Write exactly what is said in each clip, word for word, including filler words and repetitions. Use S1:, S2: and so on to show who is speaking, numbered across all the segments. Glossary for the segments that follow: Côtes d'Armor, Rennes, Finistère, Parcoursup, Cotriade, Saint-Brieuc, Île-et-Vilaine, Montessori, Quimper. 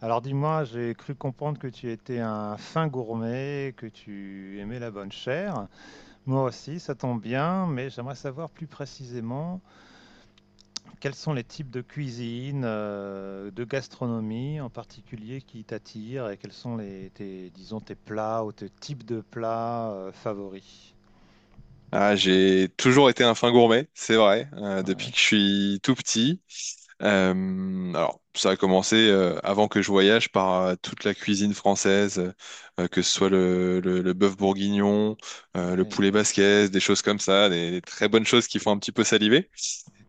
S1: Alors dis-moi, j'ai cru comprendre que tu étais un fin gourmet, que tu aimais la bonne chair. Moi aussi, ça tombe bien, mais j'aimerais savoir plus précisément quels sont les types de cuisine, euh, de gastronomie en particulier qui t'attirent et quels sont les, tes, disons, tes plats ou tes types de plats euh, favoris.
S2: Ah, j'ai toujours été un fin gourmet, c'est vrai, euh,
S1: Ouais,
S2: depuis que je suis tout petit. Euh, alors, ça a commencé euh, avant que je voyage par euh, toute la cuisine française, euh, euh, que ce soit le, le, le bœuf bourguignon, euh, le
S1: ouais,
S2: poulet basquaise, des choses comme ça, des, des très bonnes choses qui font un petit peu saliver.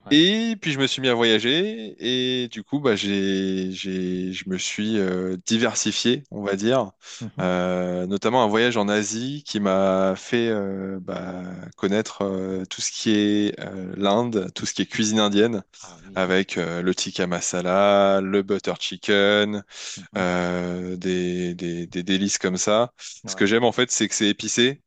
S1: ouais.
S2: Et puis je me suis mis à voyager et du coup bah j'ai j'ai je me suis euh, diversifié, on va dire.
S1: Mhm.
S2: Euh, notamment un voyage en Asie qui m'a fait euh, bah, connaître euh, tout ce qui est euh, l'Inde, tout ce qui est cuisine indienne
S1: Ah oui.
S2: avec euh, le tikka masala, le butter chicken,
S1: Mhm.
S2: euh, des, des, des délices comme ça. Ce que
S1: Ouais,
S2: j'aime en fait, c'est que c'est épicé,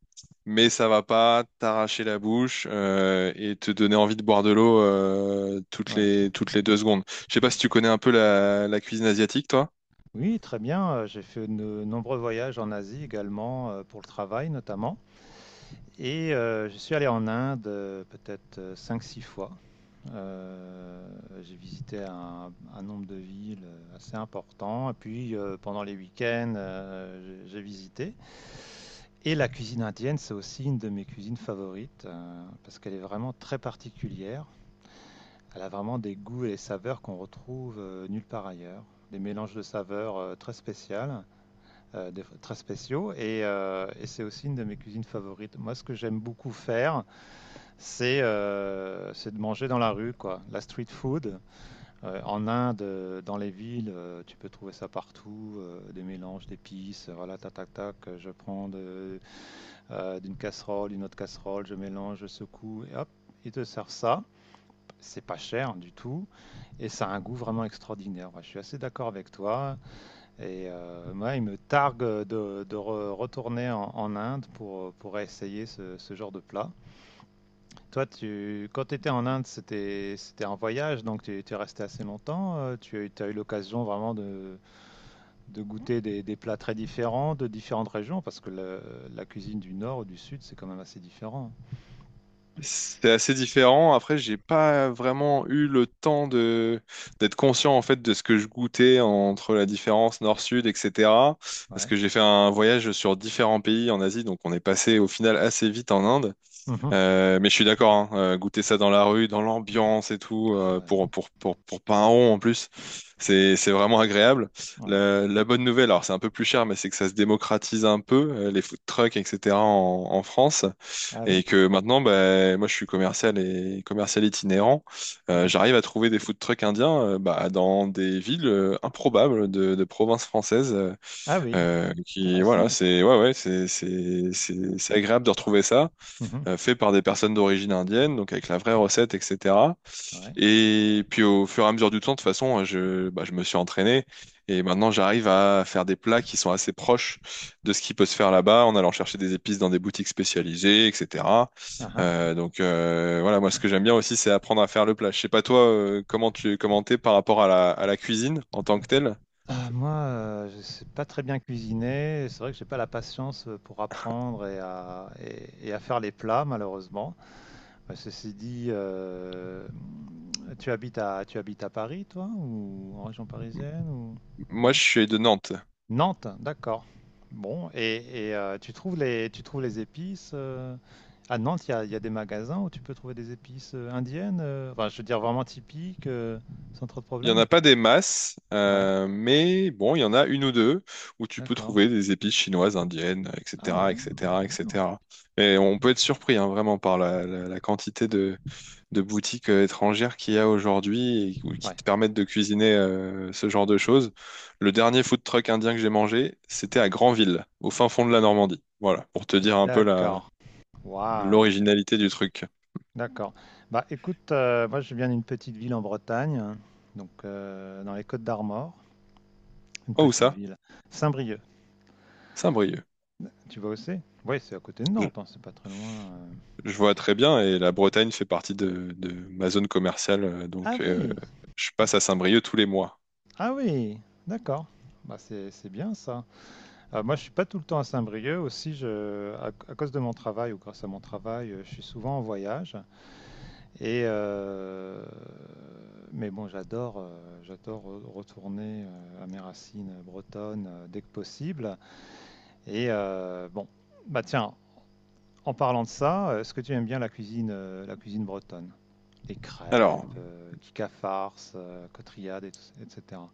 S2: mais ça va pas t'arracher la bouche euh, et te donner envie de boire de l'eau euh, toutes
S1: ouais.
S2: les, toutes les deux secondes. Je sais pas si tu connais un peu la, la cuisine asiatique, toi.
S1: Oui, très bien. euh, J'ai fait de nombreux voyages en Asie également, euh, pour le travail notamment. Et euh, je suis allé en Inde euh, peut-être euh, cinq six fois. Euh, j'ai visité un, un nombre de villes euh, assez important. Et puis euh, pendant les week-ends, euh, j'ai j'ai visité. Et la cuisine indienne, c'est aussi une de mes cuisines favorites euh, parce qu'elle est vraiment très particulière. Elle a vraiment des goûts et des saveurs qu'on retrouve euh, nulle part ailleurs. Des mélanges de saveurs euh, très spéciales, euh, des- très spéciaux. Et, euh, et c'est aussi une de mes cuisines favorites. Moi, ce que j'aime beaucoup faire, c'est euh, c'est de manger dans la rue, quoi. La street food, euh, en Inde, euh, dans les villes, euh, tu peux trouver ça partout, euh, des mélanges d'épices, euh, voilà, tac, tac, tac, euh, je prends de- euh, d'une casserole, une autre casserole, je mélange, je secoue, et hop, ils te servent ça. C'est pas cher du tout, et ça a un goût vraiment extraordinaire. Ouais, je suis assez d'accord avec toi, et euh, moi, il me targue de, de re- retourner en, en Essayer pour, essayer ce, ce genre de plat. Toi, tu, quand tu étais en Inde, c'était c'était un voyage, donc tu, tu es resté assez longtemps. euh, Tu as eu l'occasion vraiment de, de goûter des, des plats très différents de différentes régions, parce que le- la cuisine du nord ou du sud, c'est quand même assez différent.
S2: C'est assez différent. Après, j'ai pas vraiment eu le temps de d'être conscient en fait de ce que je goûtais entre la différence nord-sud, et cetera.
S1: Hein.
S2: Parce
S1: Ouais.
S2: que j'ai fait un voyage sur différents pays en Asie, donc on est passé au final assez vite en Inde.
S1: Mhm.
S2: Euh, mais je suis d'accord, hein, euh, goûter ça dans la rue, dans l'ambiance et tout,
S1: Ah,
S2: euh,
S1: ouais.
S2: pour, pour, pour, pour pas un rond en plus, c'est, c'est vraiment agréable.
S1: Ouais.
S2: La, la bonne nouvelle, alors c'est un peu plus cher, mais c'est que ça se démocratise un peu, euh, les food trucks, et cetera en, en France,
S1: Ah oui?
S2: et que maintenant, bah, moi je suis commercial et commercial itinérant, euh,
S1: Ouais.
S2: j'arrive à trouver des food trucks indiens, euh, bah, dans des villes euh, improbables de, de provinces françaises, euh,
S1: Ah oui,
S2: euh, qui, voilà,
S1: intéressant.
S2: c'est ouais, ouais, c'est c'est- c'est- c'est agréable de retrouver ça
S1: Mhm.
S2: euh, fait par des personnes d'origine indienne, donc avec la vraie recette, et cetera.
S1: Ouais.
S2: Et puis au fur et à mesure du temps, de toute façon, euh, je, bah, je me suis entraîné et maintenant j'arrive à faire des plats qui sont assez proches de ce qui peut se faire là-bas, en allant chercher des épices dans des boutiques spécialisées, et cetera.
S1: Ah, ah.
S2: Euh, donc euh, voilà, moi ce que j'aime bien aussi, c'est apprendre à faire le plat. Je sais pas toi, euh, comment tu comment t'es par rapport à la, à la cuisine en tant que telle.
S1: Ah, moi, euh, je sais pas très bien cuisiner. C'est vrai que j'ai pas la patience euh, pour apprendre et à, et- et à faire les plats, malheureusement. Ouais, ceci dit, euh, tu habites à, tu habites à Paris, toi, ou en région parisienne, ou
S2: Moi,
S1: non?
S2: je suis de Nantes.
S1: Nantes, d'accord. Bon, et, et, euh, tu trouves les, tu trouves les épices euh, à Nantes. Il y a, il y a des magasins où tu peux trouver des épices euh, indiennes. Euh, enfin, je veux dire vraiment typiques, euh, sans trop de
S2: Il n'y en a
S1: problèmes.
S2: pas des masses,
S1: Ouais,
S2: euh, mais bon, il y en a une ou deux où tu peux
S1: d'accord.
S2: trouver des épices chinoises, indiennes,
S1: Ah
S2: et cetera,
S1: ouais, bah,
S2: et cetera,
S1: très bien.
S2: et cetera. Et cetera. Et on peut être surpris, hein, vraiment, par la, la- la quantité de, de boutiques euh, étrangères qu'il y a aujourd'hui et qui qui
S1: Ouais,
S2: te permettent de cuisiner euh, ce genre de choses. Le dernier food truck indien que j'ai mangé, c'était à Granville, au fin fond de la Normandie. Voilà, pour te dire un peu la,
S1: d'accord. Waouh,
S2: l'originalité du truc.
S1: d'accord. Bah écoute, euh, moi je viens d'une petite ville en Bretagne, hein, donc euh, dans les Côtes d'Armor. Une
S2: Oh, où
S1: petite
S2: ça?
S1: ville. Saint-Brieuc,
S2: Saint-Brieuc.
S1: tu vois où c'est. Oui, c'est à côté de Nantes, hein, c'est pas très loin. Euh.
S2: Je vois très bien, et la Bretagne fait partie de, de ma zone commerciale, euh,
S1: Ah
S2: donc euh,
S1: oui,
S2: je passe à Saint-Brieuc tous les mois.
S1: ah oui, d'accord. Bah c'est c'est bien ça. Euh, moi, je suis pas tout le temps à Saint-Brieuc aussi. Je, à, à cause de mon travail ou grâce à mon travail, euh, je suis souvent en voyage. Et euh, mais bon, j'adore, euh, j'adore re- retourner euh, à mes racines bretonnes euh, dès que possible. Et euh, bon, bah tiens, en parlant de ça, euh, est-ce que tu aimes bien la cuisine, euh, la cuisine bretonne? Des crêpes,
S2: Alors,
S1: euh, Kika Farce, euh, Cotriade, et tout- et cetera.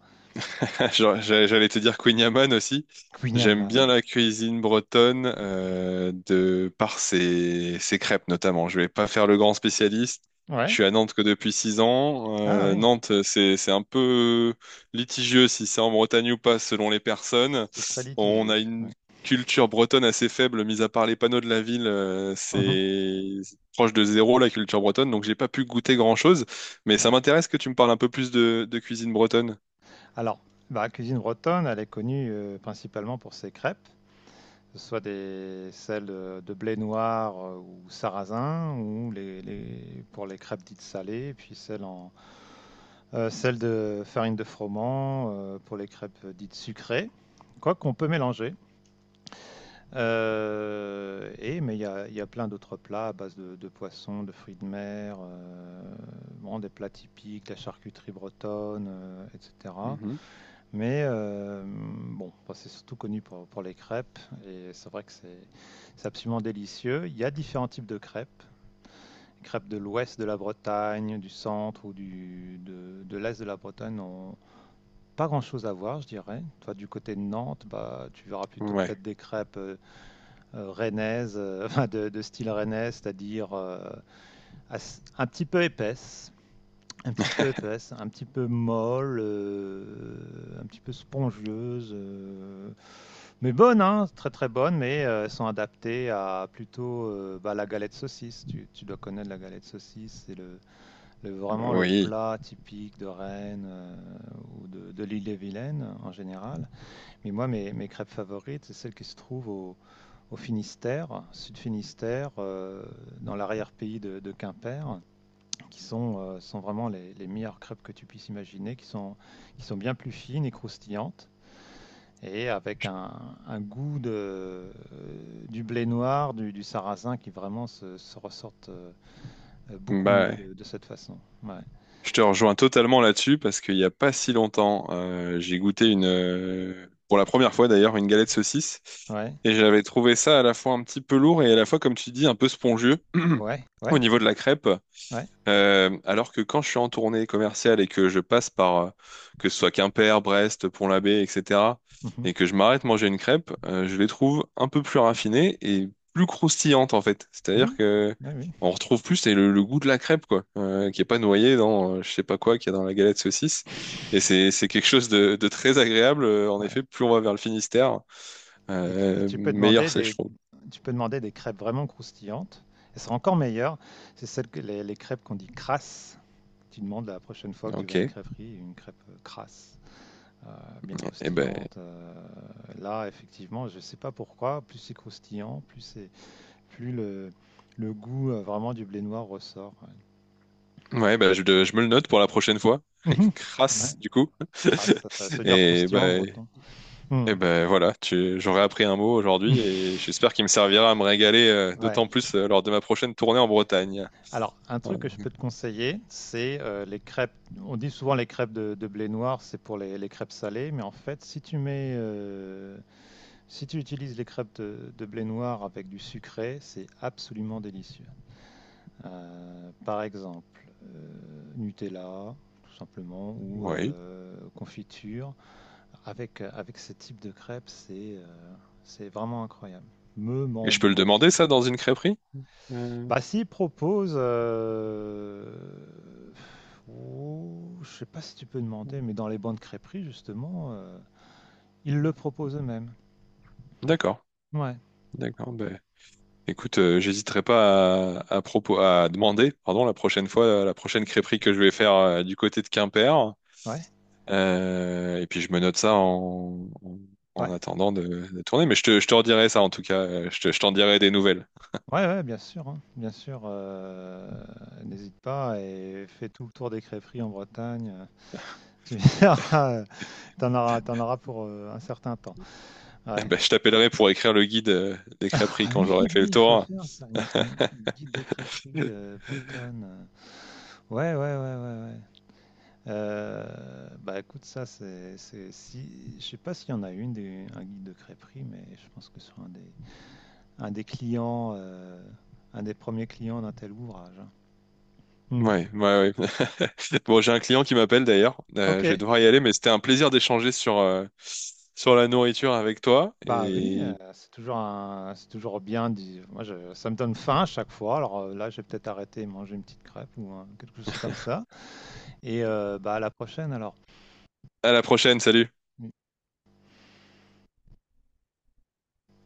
S2: Genre, j'a- j'allais te dire Queen Yaman aussi.
S1: Queen.
S2: J'aime bien la cuisine bretonne euh, de par ses, ses crêpes notamment. Je vais pas faire le grand spécialiste. Je
S1: Ouais.
S2: suis à Nantes que depuis six ans.
S1: Ah
S2: Euh,
S1: oui,
S2: Nantes, c'est c'est un peu litigieux si c'est en Bretagne ou pas selon les personnes.
S1: c'est très
S2: On
S1: litigieux.
S2: a
S1: Ouais.
S2: une culture bretonne assez faible, mis à part les panneaux de la ville. Euh,
S1: Mhm.
S2: c'est proche de zéro, la culture bretonne, donc j'ai pas pu goûter grand-chose. Mais ça
S1: Ouais.
S2: m'intéresse que tu me parles un peu plus de, de cuisine bretonne.
S1: Alors, bah, la cuisine bretonne, elle est connue euh, principalement pour ses crêpes, que ce soit des, celles de, de blé noir euh, ou sarrasin, ou les, les- pour les crêpes dites salées, et puis celles, en, euh, celles de farine de froment euh, pour les crêpes dites sucrées. Quoi qu'on peut mélanger. Heu et mais il y a il y a plein d'autres plats à base de de poissons, de fruits de mer, heu, bon des plats typiques, la charcuterie bretonne, heu et cetera.
S2: Mhm.
S1: Mais hem, bon, bah, c'est surtout connu pour pour les crêpes et c'est vrai que c'est c'est absolument délicieux. Il y a différents types de crêpes, crêpes de l'ouest de la Bretagne, du centre ou du de de l'est de la Bretagne n'ont pas grand-chose à voir, je dirais. Toi, du côté de Nantes, bah, tu verras plutôt
S2: Ouais.
S1: peut-être des crêpes, euh, euh, rennaise, euh, enfin de, de, style rennais, c'est-à-dire euh, as- un petit peu épaisse, un petit peu épaisse, un petit peu molle, euh, un petit peu spongieuse euh, mais bonne, hein, très très bonne, mais euh, elles sont adaptées à plutôt euh, bah, la galette saucisse. Tu, tu, dois connaître la galette saucisse, c'est le, le, vraiment le
S2: Oui,
S1: plat typique de Rennes euh, ou de, de l'île-et-Vilaine en général. Mais moi, mes, mes crêpes favorites, c'est celles qui se trouvent au, au Finistère, Sud Finistère, euh, dans l'arrière-pays de, de Quimper, qui sont, euh, sont vraiment les, les, meilleures crêpes que tu puisses imaginer, qui sont, qui sont bien plus fines et croustillantes, et avec un, un goût de, euh, du blé noir, du, du, sarrasin, qui vraiment se, se ressortent euh, beaucoup mieux
S2: bah,
S1: de, de, cette façon. Ouais,
S2: je te rejoins totalement là-dessus, parce qu'il n'y a pas si longtemps, euh, j'ai goûté une, euh, pour la première fois d'ailleurs, une galette saucisse,
S1: ouais,
S2: et j'avais trouvé ça à la fois un petit peu lourd et à la fois, comme tu dis, un peu spongieux
S1: ouais,
S2: au
S1: ouais.
S2: niveau
S1: C'est-
S2: de la crêpe.
S1: ouais.
S2: Euh, alors que quand je suis en tournée commerciale et que je passe par, euh, que ce soit Quimper, Brest, Pont-l'Abbé, et cetera,
S1: Mmh.
S2: et que je m'arrête manger une crêpe, euh, je les trouve un peu plus raffinées et plus croustillantes en fait. C'est-à-dire
S1: Oui,
S2: que
S1: ah oui,
S2: on retrouve plus c'est le, le goût de la crêpe quoi, euh, qui est pas noyé dans euh, je sais pas quoi qu'il y a dans la galette saucisse. Et c'est c'est quelque chose de, de très agréable. Euh, En effet,
S1: ouais.
S2: plus on va vers le Finistère,
S1: Et, tu et
S2: euh,
S1: tu peux
S2: meilleur
S1: demander
S2: c'est, je
S1: des,
S2: trouve.
S1: tu peux demander des crêpes vraiment croustillantes. Elles sont encore meilleures. C'est celles que les, les crêpes qu'on dit crasses. Tu demandes la prochaine fois que tu vas
S2: Ok.
S1: à une crêperie, une crêpe euh, crasse, euh, bien
S2: Et ben
S1: croustillante. Euh, là, effectivement, je ne sais pas pourquoi, plus c'est croustillant, plus c'est, plus le, le goût euh, vraiment du blé noir ressort.
S2: ouais, bah, je, je me le note pour la prochaine fois.
S1: Ouais. Mhm.
S2: Crasse,
S1: Ouais.
S2: du coup.
S1: Crasse, ça, ça veut dire
S2: Et
S1: croustillant en
S2: ben
S1: breton. Hmm.
S2: et ben voilà, tu, j'aurais appris un mot aujourd'hui et j'espère qu'il me servira à me régaler euh,
S1: Ouais.
S2: d'autant plus euh, lors de ma prochaine tournée en Bretagne.
S1: Alors, un
S2: Euh,
S1: truc que je peux te conseiller, c'est euh, les crêpes. On dit souvent les crêpes de, de blé noir, c'est pour les, les crêpes salées, mais en fait, si tu mets, euh, si tu utilises les crêpes de, de blé noir avec du sucré, c'est absolument délicieux. Euh, par exemple, euh, Nutella, tout simplement, ou
S2: oui.
S1: euh, confiture. Avec, euh, avec ce type de crêpes, c'est euh, c'est vraiment incroyable. Me
S2: Et
S1: ment
S2: je peux le
S1: bon.
S2: demander, ça, dans une crêperie? Euh,
S1: Bah, s'il propose, euh, ouh, je sais pas si tu peux demander, mais dans les bancs de crêperie, justement, euh, ils le proposent eux-mêmes.
S2: d'accord,
S1: Ouais,
S2: d'accord. Ben, écoute, euh, j'hésiterai pas à, à propos, à demander, pardon, la prochaine fois, euh, la prochaine crêperie que je vais faire euh, du côté de Quimper.
S1: ouais,
S2: Euh, et puis je me note ça en, en,
S1: ouais,
S2: en attendant de, de tourner. Mais je te, je te redirai ça en tout cas. Euh, Je te- je t'en dirai des nouvelles.
S1: ouais, ouais, bien sûr, hein, bien sûr. Euh, n'hésite pas et fais tout le tour des crêperies en Bretagne. euh, Tu verras, euh, t'en auras, t'en auras pour euh, un certain temps.
S2: Eh
S1: Ouais.
S2: ben, je t'appellerai pour écrire le guide euh, des crêperies
S1: Ah
S2: quand
S1: oui,
S2: j'aurai fait le
S1: oui, il faut le
S2: tour.
S1: faire, ça, une- un guide des crêperies euh, bretonnes. Euh. Ouais, ouais, ouais, ouais, ouais. Euh, bah écoute, ça c'est, c'est- si, je sais pas s'il y en a une des, un guide de crêperie, mais je pense que c'est un des, un des clients, euh, un des premiers clients d'un tel ouvrage, hein. Hmm.
S2: Ouais, ouais, ouais. Bon, j'ai un client qui m'appelle d'ailleurs. Euh,
S1: Ok,
S2: je vais devoir y aller, mais c'était un plaisir d'échanger sur, euh, sur la nourriture avec toi.
S1: bah oui, euh,
S2: Et
S1: c'est toujours un, c'est toujours bien. dit- Moi, je- ça me donne faim à chaque fois. Alors euh, là, j'ai peut-être arrêté et manger une petite crêpe ou un- quelque chose comme ça. Et euh, bah à la prochaine alors.
S2: à la prochaine, salut.